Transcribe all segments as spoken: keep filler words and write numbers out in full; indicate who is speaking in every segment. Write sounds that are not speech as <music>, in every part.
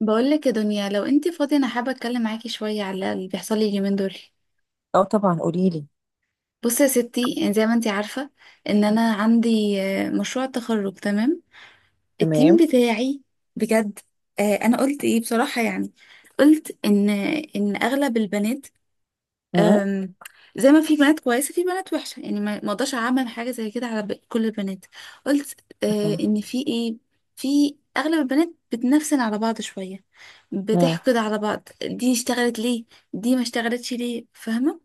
Speaker 1: بقولك يا دنيا، لو انت فاضية، انا حابة اتكلم معاكي شوية على اللي بيحصل لي اليومين دول.
Speaker 2: اه طبعا، قولي لي.
Speaker 1: بصي يا ستي, يعني زي ما انت عارفة ان انا عندي آه، مشروع تخرج، تمام؟ التيم
Speaker 2: تمام.
Speaker 1: بتاعي بجد. آه، انا قلت ايه بصراحة؟ يعني قلت ان ان اغلب البنات،
Speaker 2: مم.
Speaker 1: أم، زي ما في بنات كويسة في بنات وحشة، يعني ما ما اقدرش اعمم حاجة زي كده على ب- كل البنات. قلت آه
Speaker 2: مم.
Speaker 1: ان في ايه؟ في اغلب البنات بتنفسن على بعض شوية،
Speaker 2: مم.
Speaker 1: بتحقد على بعض، دي اشتغلت ليه، دي ما اشتغلتش ليه، فاهمة؟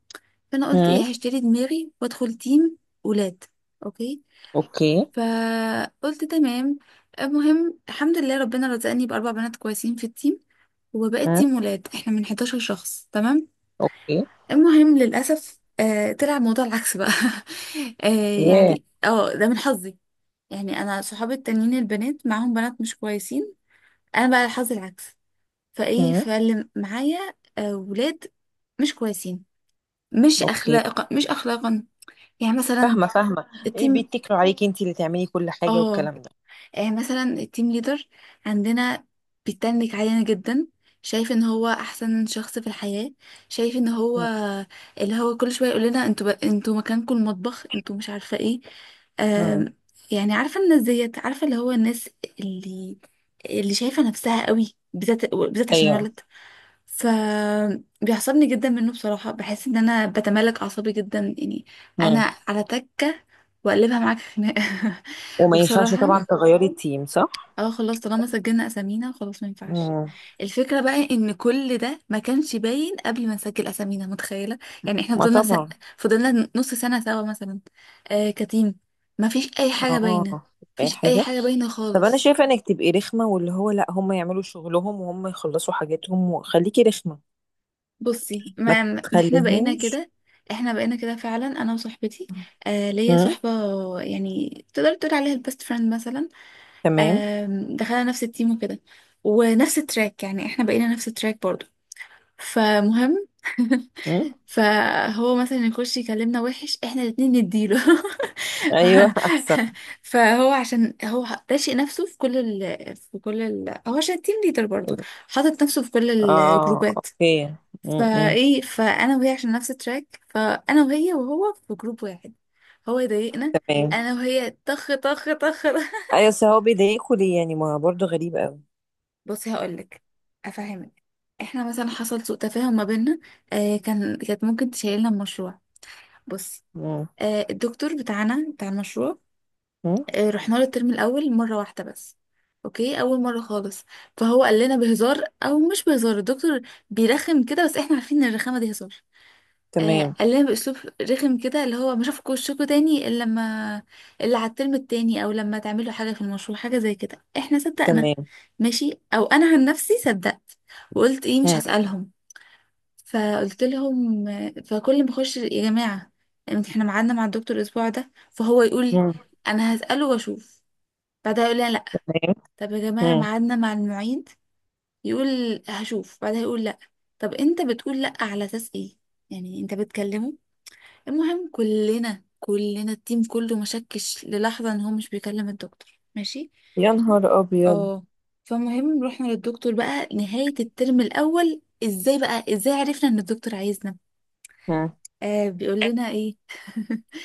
Speaker 1: فانا قلت ايه،
Speaker 2: مم.
Speaker 1: هشتري دماغي وادخل تيم ولاد، اوكي.
Speaker 2: اوكي.
Speaker 1: فقلت تمام. المهم، الحمد لله ربنا رزقني باربع بنات كويسين في التيم، وبقيت
Speaker 2: مم.
Speaker 1: تيم ولاد، احنا من حداشر شخص، تمام.
Speaker 2: اوكي.
Speaker 1: المهم، للأسف آه طلع الموضوع العكس بقى. <laughs> آه
Speaker 2: ياه.
Speaker 1: يعني اه ده من حظي. يعني انا صحابي التانيين البنات معاهم بنات مش كويسين، انا بقى حظي العكس. فايه،
Speaker 2: مم.
Speaker 1: فاللي معايا آه ولاد مش كويسين، مش
Speaker 2: اوكي.
Speaker 1: اخلاقا، مش اخلاقا. يعني مثلا
Speaker 2: فاهمه، فاهمه. ايه،
Speaker 1: التيم
Speaker 2: بيتكلوا عليكي انت اللي تعملي كل حاجه
Speaker 1: اه
Speaker 2: والكلام ده؟
Speaker 1: آه، مثلا التيم ليدر عندنا بيتنك علينا جدا، شايف ان هو احسن شخص في الحياة. شايف ان هو
Speaker 2: مم.
Speaker 1: اللي هو كل شوية يقول لنا انتوا بق- انتوا مكانكم المطبخ، انتوا مش عارفة ايه.
Speaker 2: مم.
Speaker 1: آم، يعني عارفة الناس ديت، عارفة اللي هو الناس اللي اللي شايفة نفسها قوي، بالذات بالذات عشان
Speaker 2: ايوه.
Speaker 1: ولد. ف بيعصبني جدا منه بصراحة، بحس ان انا بتملك اعصابي جدا يعني.
Speaker 2: مم.
Speaker 1: انا على تكة واقلبها معاك خناقة. <laughs>
Speaker 2: وما ينفعش
Speaker 1: وبصراحة،
Speaker 2: طبعا تغيري التيم، صح؟
Speaker 1: اه خلاص طالما سجلنا اسامينا خلاص ما ينفعش.
Speaker 2: مم.
Speaker 1: الفكره بقى ان كل ده ما كانش باين قبل ما نسجل اسامينا، متخيله؟ يعني احنا
Speaker 2: ما
Speaker 1: فضلنا س...
Speaker 2: طبعا.
Speaker 1: فضلنا نص سنه سوا مثلا، آه كتيم، ما فيش اي حاجه باينه، ما
Speaker 2: اه. اي
Speaker 1: فيش اي
Speaker 2: حاجه.
Speaker 1: حاجه باينه
Speaker 2: طب انا
Speaker 1: خالص.
Speaker 2: شايفه انك تبقي رخمه، واللي هو لا، هم يعملوا شغلهم وهم يخلصوا حاجاتهم، وخليكي رخمه.
Speaker 1: بصي،
Speaker 2: ما
Speaker 1: ما, ما احنا بقينا
Speaker 2: تخليهمش.
Speaker 1: كده، احنا بقينا كده فعلا انا وصاحبتي. آه ليا
Speaker 2: مم.
Speaker 1: صاحبه، يعني تقدر تقول عليها البيست فريند مثلا.
Speaker 2: تمام.
Speaker 1: آم، دخلنا نفس التيم وكده، ونفس التراك، يعني احنا بقينا نفس التراك برضو. فمهم.
Speaker 2: مم.
Speaker 1: <laughs> فهو مثلا يخش يكلمنا وحش، احنا الاتنين نديله. <laughs>
Speaker 2: ايوه،
Speaker 1: ف-
Speaker 2: احسن.
Speaker 1: فهو عشان هو راشق نفسه في كل ال في كل ال هو، عشان تيم ليدر برضه، حاطط نفسه في كل
Speaker 2: اه.
Speaker 1: الجروبات.
Speaker 2: اوكي. م-م.
Speaker 1: فايه، فانا وهي عشان نفس التراك، فانا وهي وهو في جروب واحد. هو يضايقنا،
Speaker 2: تمام.
Speaker 1: انا وهي طخ طخ طخ. <laughs>
Speaker 2: ايوه، بس هو بيضايقوا ليه يعني؟ ما هو برضه غريب قوي.
Speaker 1: بصي هقولك، افهمك. احنا مثلا حصل سوء تفاهم ما بيننا. آه كان كانت ممكن تشيلنا المشروع. بصي،
Speaker 2: م.
Speaker 1: آه، الدكتور بتاعنا بتاع المشروع،
Speaker 2: م.
Speaker 1: آه، رحنا له الترم الاول مره واحده بس، اوكي، اول مره خالص. فهو قال لنا بهزار او مش بهزار، الدكتور بيرخم كده، بس احنا عارفين ان الرخامه دي هزار. آه،
Speaker 2: تمام.
Speaker 1: قال لنا باسلوب رخم كده، اللي هو ما اشوفكوا وشكوا تاني الا لما الا على الترم التاني، او لما تعملوا حاجه في المشروع، حاجه زي كده. احنا صدقنا،
Speaker 2: تمام.
Speaker 1: ماشي، او انا عن نفسي صدقت، وقلت ايه مش
Speaker 2: م.
Speaker 1: هسالهم. فقلت لهم، فكل ما اخش يا جماعه، يعني احنا ميعادنا مع الدكتور الاسبوع ده، فهو يقول
Speaker 2: م.
Speaker 1: انا هساله واشوف، بعدها يقول لا، لا.
Speaker 2: تمام.
Speaker 1: طب يا جماعه
Speaker 2: م.
Speaker 1: ميعادنا مع المعيد، يقول هشوف، بعدها يقول لا. طب انت بتقول لا على اساس ايه؟ يعني انت بتكلمه؟ المهم كلنا كلنا التيم كله ما شكش للحظه ان هو مش بيكلم الدكتور، ماشي.
Speaker 2: يا نهار ابيض.
Speaker 1: اه فالمهم رحنا للدكتور بقى نهايه الترم الاول. ازاي بقى، ازاي عرفنا ان الدكتور عايزنا؟
Speaker 2: م.
Speaker 1: آه بيقول لنا ايه؟ <laughs>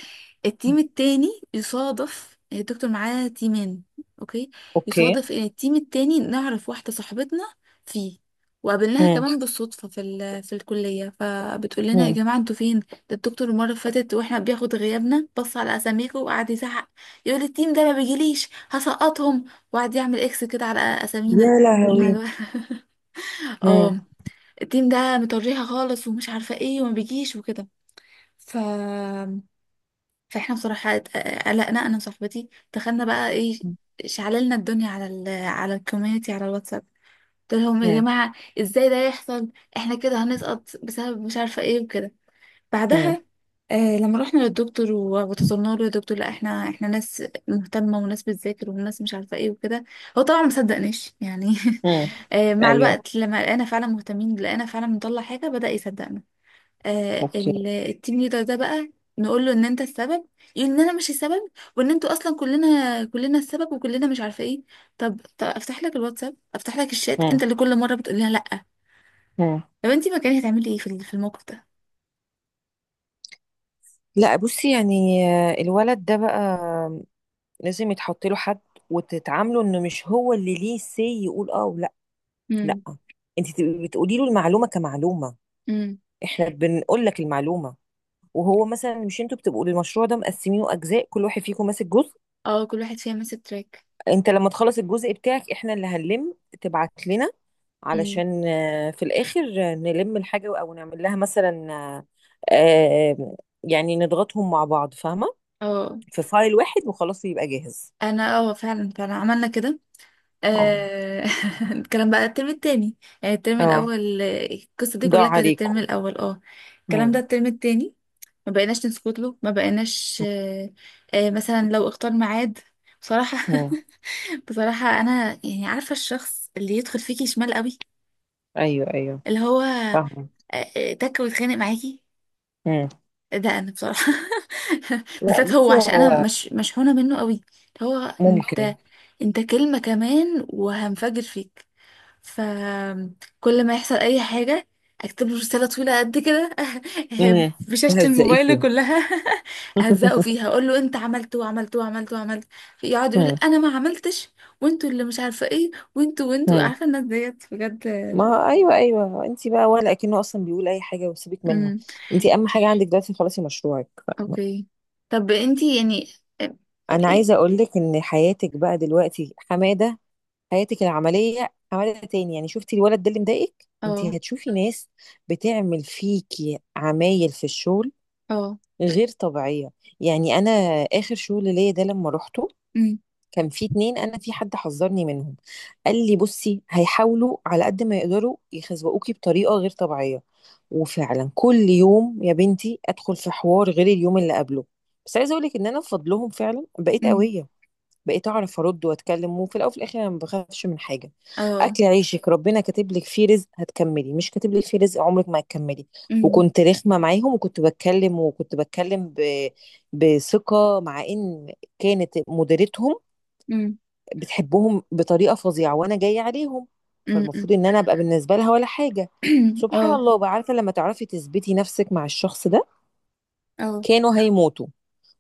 Speaker 1: التيم التاني، يصادف الدكتور معاه تيمين، اوكي،
Speaker 2: اوكي.
Speaker 1: يصادف ان التيم التاني نعرف واحدة صاحبتنا فيه، وقابلناها
Speaker 2: م.
Speaker 1: كمان بالصدفة في ال... في الكلية. فبتقول لنا يا
Speaker 2: م.
Speaker 1: جماعة انتوا فين؟ ده الدكتور المرة اللي فاتت واحنا بياخد غيابنا، بص على اساميكم وقعد يزعق، يقول التيم ده ما بيجيليش هسقطهم، وقعد يعمل اكس كده على اسامينا.
Speaker 2: يا
Speaker 1: على
Speaker 2: لهوي.
Speaker 1: <laughs>
Speaker 2: م.
Speaker 1: اه، التيم ده مطريها خالص، ومش عارفة ايه، وما بيجيش وكده. ف فاحنا بصراحة ات- قلقنا انا وصاحبتي. دخلنا بقى ايه، شعللنا الدنيا على ال على الكوميونتي، على الواتساب. قلت لهم يا
Speaker 2: م.
Speaker 1: جماعة ازاي ده يحصل، احنا كده هنسقط بسبب مش عارفة ايه وكده.
Speaker 2: م.
Speaker 1: بعدها آه لما رحنا للدكتور و- وتظلمنا له، يا دكتور لا احنا احنا ناس مهتمة وناس بتذاكر وناس مش عارفة ايه وكده. هو طبعا ما صدقناش يعني.
Speaker 2: م.
Speaker 1: <laughs> آه مع
Speaker 2: ايوه.
Speaker 1: الوقت لما لقينا فعلا مهتمين، لقينا فعلا بنطلع حاجة، بدأ يصدقنا. آه
Speaker 2: اوكي.
Speaker 1: ال- التيم ليدر ده بقى، نقول له ان انت السبب، يقول ان انا مش السبب، وان انتوا اصلا كلنا كلنا السبب وكلنا مش عارفه ايه. طب, طب افتح لك الواتساب، افتح لك الشات،
Speaker 2: م.
Speaker 1: انت اللي كل مره بتقول لها لا.
Speaker 2: م.
Speaker 1: طب انت مكاني هتعملي ايه في ال- في الموقف ده؟
Speaker 2: لا بصي يعني، آه، الولد ده بقى لازم يتحط له حد، وتتعاملوا انه مش هو اللي ليه سي يقول اه ولا. لا،
Speaker 1: امم.
Speaker 2: انت تبقي بتقولي له المعلومه كمعلومه،
Speaker 1: امم.
Speaker 2: احنا بنقول لك المعلومه. وهو مثلا، مش انتوا بتبقوا المشروع ده مقسمينه اجزاء، كل واحد فيكم ماسك جزء؟
Speaker 1: اه، كل واحد فيها ماسك تراك.
Speaker 2: انت لما تخلص الجزء بتاعك، احنا اللي هنلم. تبعت لنا
Speaker 1: امم.
Speaker 2: علشان آه، في الاخر آه، نلم الحاجه او نعمل لها مثلا، آه، آه، يعني نضغطهم مع بعض، فاهمه.
Speaker 1: اه.
Speaker 2: في فايل واحد وخلاص يبقى جاهز.
Speaker 1: انا اه فعلا فعلا عملنا كده.
Speaker 2: اه.
Speaker 1: آه، <laughs> الكلام بقى الترم التاني، يعني الترم
Speaker 2: اه.
Speaker 1: الأول، آه، القصة دي
Speaker 2: ضاع
Speaker 1: كلها كانت الترم
Speaker 2: عليكم.
Speaker 1: الأول. اه. الكلام ده
Speaker 2: مم.
Speaker 1: الترم التاني، ما بقيناش نسكت له، ما بقيناش آه، آه، مثلا لو اختار ميعاد، بصراحة. <laughs>
Speaker 2: مم.
Speaker 1: بصراحة أنا يعني عارفة الشخص اللي يدخل فيكي شمال قوي،
Speaker 2: ايوه، ايوه.
Speaker 1: اللي هو آه،
Speaker 2: فاهمه.
Speaker 1: آه، تك ويتخانق معاكي،
Speaker 2: مم.
Speaker 1: ده أنا بصراحة. <laughs>
Speaker 2: لا،
Speaker 1: بالذات هو،
Speaker 2: بصي
Speaker 1: عشان أنا
Speaker 2: هو.
Speaker 1: مش مشحونة منه قوي، اللي هو
Speaker 2: ممكن.
Speaker 1: أنت أنت كلمة كمان وهنفجر فيك. فكل ما يحصل اي حاجه اكتب له رساله طويله قد كده،
Speaker 2: امم.
Speaker 1: <laughs> بشاشه
Speaker 2: تهزقي
Speaker 1: الموبايل
Speaker 2: فيها.
Speaker 1: كلها. <laughs> اهزقه فيها،
Speaker 2: <laughs>
Speaker 1: اقول له انت عملت وعملت وعملت وعملت. يقعد يقول
Speaker 2: مم.
Speaker 1: انا ما عملتش، وانتوا اللي مش عارفه ايه، وانتوا وانتوا
Speaker 2: مم.
Speaker 1: عارفه الناس ديت بجد.
Speaker 2: ما ايوه، ايوه، انت بقى ولا اكنه اصلا بيقول اي حاجه، وسيبك منه.
Speaker 1: امم.
Speaker 2: انت اهم حاجه عندك دلوقتي خلاص مشروعك، فاهمة؟
Speaker 1: اوكي. طب انتي يعني؟
Speaker 2: انا عايزه اقول لك ان حياتك بقى دلوقتي حماده، حياتك العمليه حماده تاني يعني. شفتي الولد ده اللي مضايقك؟ انت
Speaker 1: اه.
Speaker 2: هتشوفي ناس بتعمل فيكي عمايل في الشغل
Speaker 1: اه.
Speaker 2: غير طبيعيه. يعني انا اخر شغل ليا ده لما روحته،
Speaker 1: امم.
Speaker 2: كان في اتنين، انا في حد حذرني منهم. قال لي بصي هيحاولوا على قد ما يقدروا يخزوقوكي بطريقه غير طبيعيه. وفعلا كل يوم يا بنتي ادخل في حوار غير اليوم اللي قبله. بس عايزه اقول لك ان انا بفضلهم فعلا بقيت
Speaker 1: امم.
Speaker 2: قويه، بقيت اعرف ارد واتكلم. وفي الاول وفي الاخر انا ما بخافش من حاجه.
Speaker 1: اه.
Speaker 2: اكل عيشك، ربنا كاتب لك فيه رزق هتكملي، مش كاتب لك فيه رزق عمرك ما هتكملي.
Speaker 1: امم.
Speaker 2: وكنت رخمه معاهم، وكنت بتكلم، وكنت بتكلم ب... بثقه، مع ان كانت مديرتهم
Speaker 1: امم.
Speaker 2: بتحبهم بطريقة فظيعة، وانا جاية عليهم.
Speaker 1: امم.
Speaker 2: فالمفروض ان انا ابقى بالنسبة لها ولا حاجة.
Speaker 1: <clears throat>
Speaker 2: سبحان
Speaker 1: اه.
Speaker 2: الله بقى، عارفة لما تعرفي تثبتي نفسك مع الشخص ده؟
Speaker 1: اه.
Speaker 2: كانوا هيموتوا.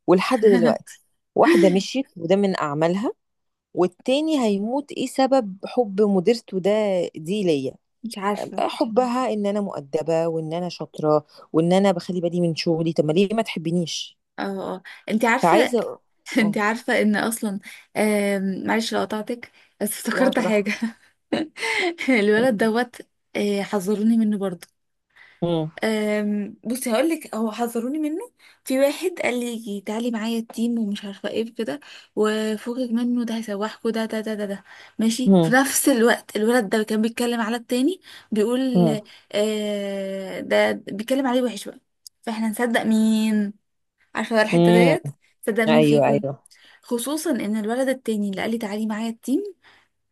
Speaker 2: ولحد
Speaker 1: <laughs>
Speaker 2: دلوقتي، واحدة مشيت وده من اعمالها، والتاني هيموت. ايه سبب حب مديرته ده؟ دي ليا،
Speaker 1: مش عارفه.
Speaker 2: حبها ان انا مؤدبة، وان انا شاطرة، وان انا بخلي بالي من شغلي. طب ما ليه ما تحبنيش؟
Speaker 1: اه. اه. انت عارفه.
Speaker 2: فعايزة.
Speaker 1: انت
Speaker 2: اه.
Speaker 1: عارفة ان اصلا آم، معلش لو قطعتك، بس
Speaker 2: لا،
Speaker 1: افتكرت حاجة.
Speaker 2: براحتك.
Speaker 1: <laughs> الولد دوت، آه، حذروني منه برضو.
Speaker 2: مم.
Speaker 1: آم، بصي هقولك، هو حذروني منه. في واحد قال لي تعالي معايا التيم ومش عارفة ايه كده، وفوقك منه ده هيسوحكوا ده ده ده ده ده، ماشي. في
Speaker 2: مم.
Speaker 1: نفس الوقت الولد ده كان بيتكلم على التاني، بيقول
Speaker 2: مم.
Speaker 1: آه، ده بيتكلم عليه وحش بقى. فاحنا نصدق مين؟ عارفة بقى الحتة
Speaker 2: مم.
Speaker 1: ديت، صدق مين
Speaker 2: ايوه،
Speaker 1: فيكم؟
Speaker 2: ايوه.
Speaker 1: خصوصا ان الولد التاني اللي قال لي تعالي معايا التيم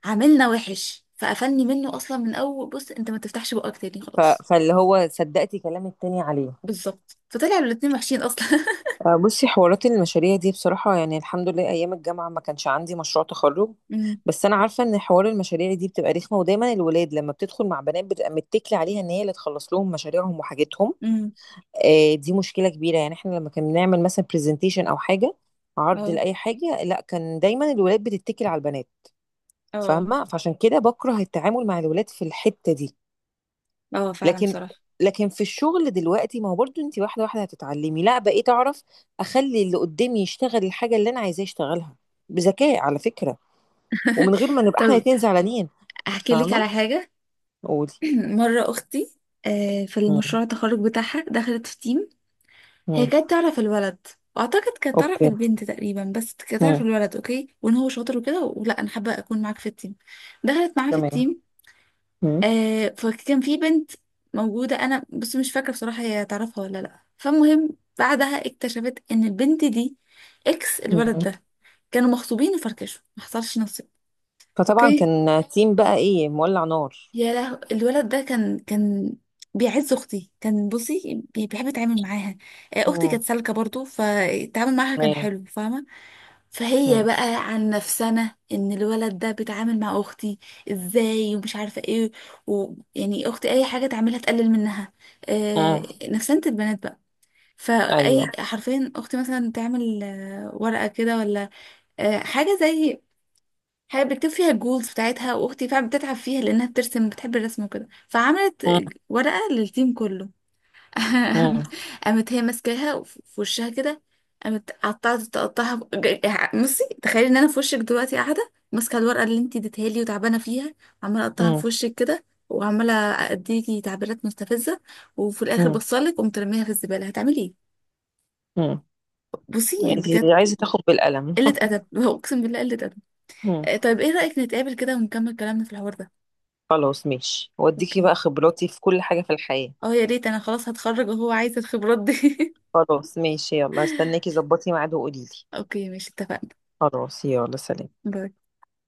Speaker 1: عاملنا وحش، فقفلني منه اصلا من اول بص، انت ما تفتحش بقك تاني
Speaker 2: ف...
Speaker 1: خلاص.
Speaker 2: فاللي هو صدقتي كلام التاني عليه.
Speaker 1: بالظبط، فطلعوا الاتنين وحشين اصلا. <laughs>
Speaker 2: آه، بصي حوارات المشاريع دي بصراحة، يعني الحمد لله أيام الجامعة ما كانش عندي مشروع تخرج.
Speaker 1: امم.
Speaker 2: بس أنا عارفة إن حوار المشاريع دي بتبقى رخمة، ودايما الولاد لما بتدخل مع بنات بتبقى متكلة عليها إن هي اللي تخلص لهم مشاريعهم وحاجتهم.
Speaker 1: امم.
Speaker 2: آه، دي مشكلة كبيرة، يعني إحنا لما كنا بنعمل مثلا برزنتيشن أو حاجة، عرض
Speaker 1: اه.
Speaker 2: لأي حاجة، لا، كان دايما الولاد بتتكل على البنات.
Speaker 1: اه.
Speaker 2: فاهمة، فعشان كده بكره التعامل مع الولاد في الحتة دي.
Speaker 1: اه فعلا
Speaker 2: لكن
Speaker 1: بصراحة.
Speaker 2: لكن في الشغل دلوقتي، ما هو برضو انت واحده واحده هتتعلمي. لا، بقيت اعرف اخلي اللي قدامي يشتغل الحاجه اللي انا عايزاه يشتغلها، بذكاء على فكره. ومن غير ما
Speaker 1: <laughs>
Speaker 2: نبقى احنا
Speaker 1: طب
Speaker 2: الاتنين زعلانين.
Speaker 1: احكي لك
Speaker 2: فاهمه.
Speaker 1: على حاجة.
Speaker 2: قولي.
Speaker 1: <clears throat> مرة اختي آه، في
Speaker 2: مم.
Speaker 1: المشروع التخرج بتاعها دخلت في تيم. هي
Speaker 2: مم.
Speaker 1: كانت تعرف الولد، واعتقد كانت تعرف
Speaker 2: اوكي.
Speaker 1: البنت تقريبا، بس كانت تعرف
Speaker 2: مم.
Speaker 1: الولد اوكي، وان هو شاطر وكده، ولا انا حابة اكون معاك في التيم. دخلت معاه في
Speaker 2: تمام.
Speaker 1: التيم.
Speaker 2: مم.
Speaker 1: آه فكان في بنت موجودة، أنا بس مش فاكرة بصراحة هي تعرفها ولا لأ. فالمهم بعدها اكتشفت إن البنت دي إكس
Speaker 2: مم.
Speaker 1: الولد ده، كانوا مخطوبين وفركشوا، ما حصلش نصيب.
Speaker 2: فطبعا
Speaker 1: أوكي،
Speaker 2: كان تيم بقى ايه، مولع نار.
Speaker 1: يا له الولد ده، كان كان بيعز أختي، كان بصي بي- بيحب يتعامل معاها. آه، أختي كانت
Speaker 2: مم.
Speaker 1: سالكة برضو، فالتعامل معاها كان
Speaker 2: تمام.
Speaker 1: حلو، فاهمة؟ فهي
Speaker 2: مم.
Speaker 1: بقى عن نفسنا ان الولد ده بيتعامل مع اختي ازاي ومش عارفه ايه، ويعني اختي اي حاجه تعملها تقلل منها، آه
Speaker 2: مم.
Speaker 1: نفسنة البنات بقى.
Speaker 2: ايوه.
Speaker 1: فاي حرفيا، اختي مثلا تعمل آه، ورقه كده، ولا آه حاجه زي حاجه بتكتب فيها الجولز بتاعتها، واختي فعلا بتتعب فيها لانها بترسم، بتحب الرسم وكده، فعملت
Speaker 2: مم.
Speaker 1: ورقه للتيم كله.
Speaker 2: مم.
Speaker 1: <laughs> قامت هي ماسكاها وف- في وشها كده، قامت قطعت تقطعها ب- ج- بصي تخيلي ان انا في وشك دلوقتي قاعده ماسكه الورقه اللي انت اديتها لي وتعبانه فيها، عماله اقطعها
Speaker 2: مم.
Speaker 1: في وشك كده، وعماله اديكي تعبيرات مستفزه، وفي الاخر
Speaker 2: مم.
Speaker 1: بصلك قمت رميها في الزباله. هتعملي ايه؟
Speaker 2: مم.
Speaker 1: بصي يعني
Speaker 2: انت
Speaker 1: بجد،
Speaker 2: عايزه تاخد بالقلم.
Speaker 1: قله ادب. <laughs> اقسم بالله قله ادب. آه،
Speaker 2: <laughs>
Speaker 1: طيب ايه رايك نتقابل كده ونكمل كلامنا في الحوار ده؟
Speaker 2: خلاص ماشي، واديكي
Speaker 1: اوكي.
Speaker 2: بقى خبراتي في كل حاجة في الحياة.
Speaker 1: اه يا ريت، انا خلاص هتخرج وهو عايز الخبرات دي.
Speaker 2: خلاص ماشي، يلا، استناكي، ظبطي ميعاد وقوليلي.
Speaker 1: <laughs> اوكي، ماشي، اتفقنا.
Speaker 2: خلاص، يلا سلام.
Speaker 1: باي.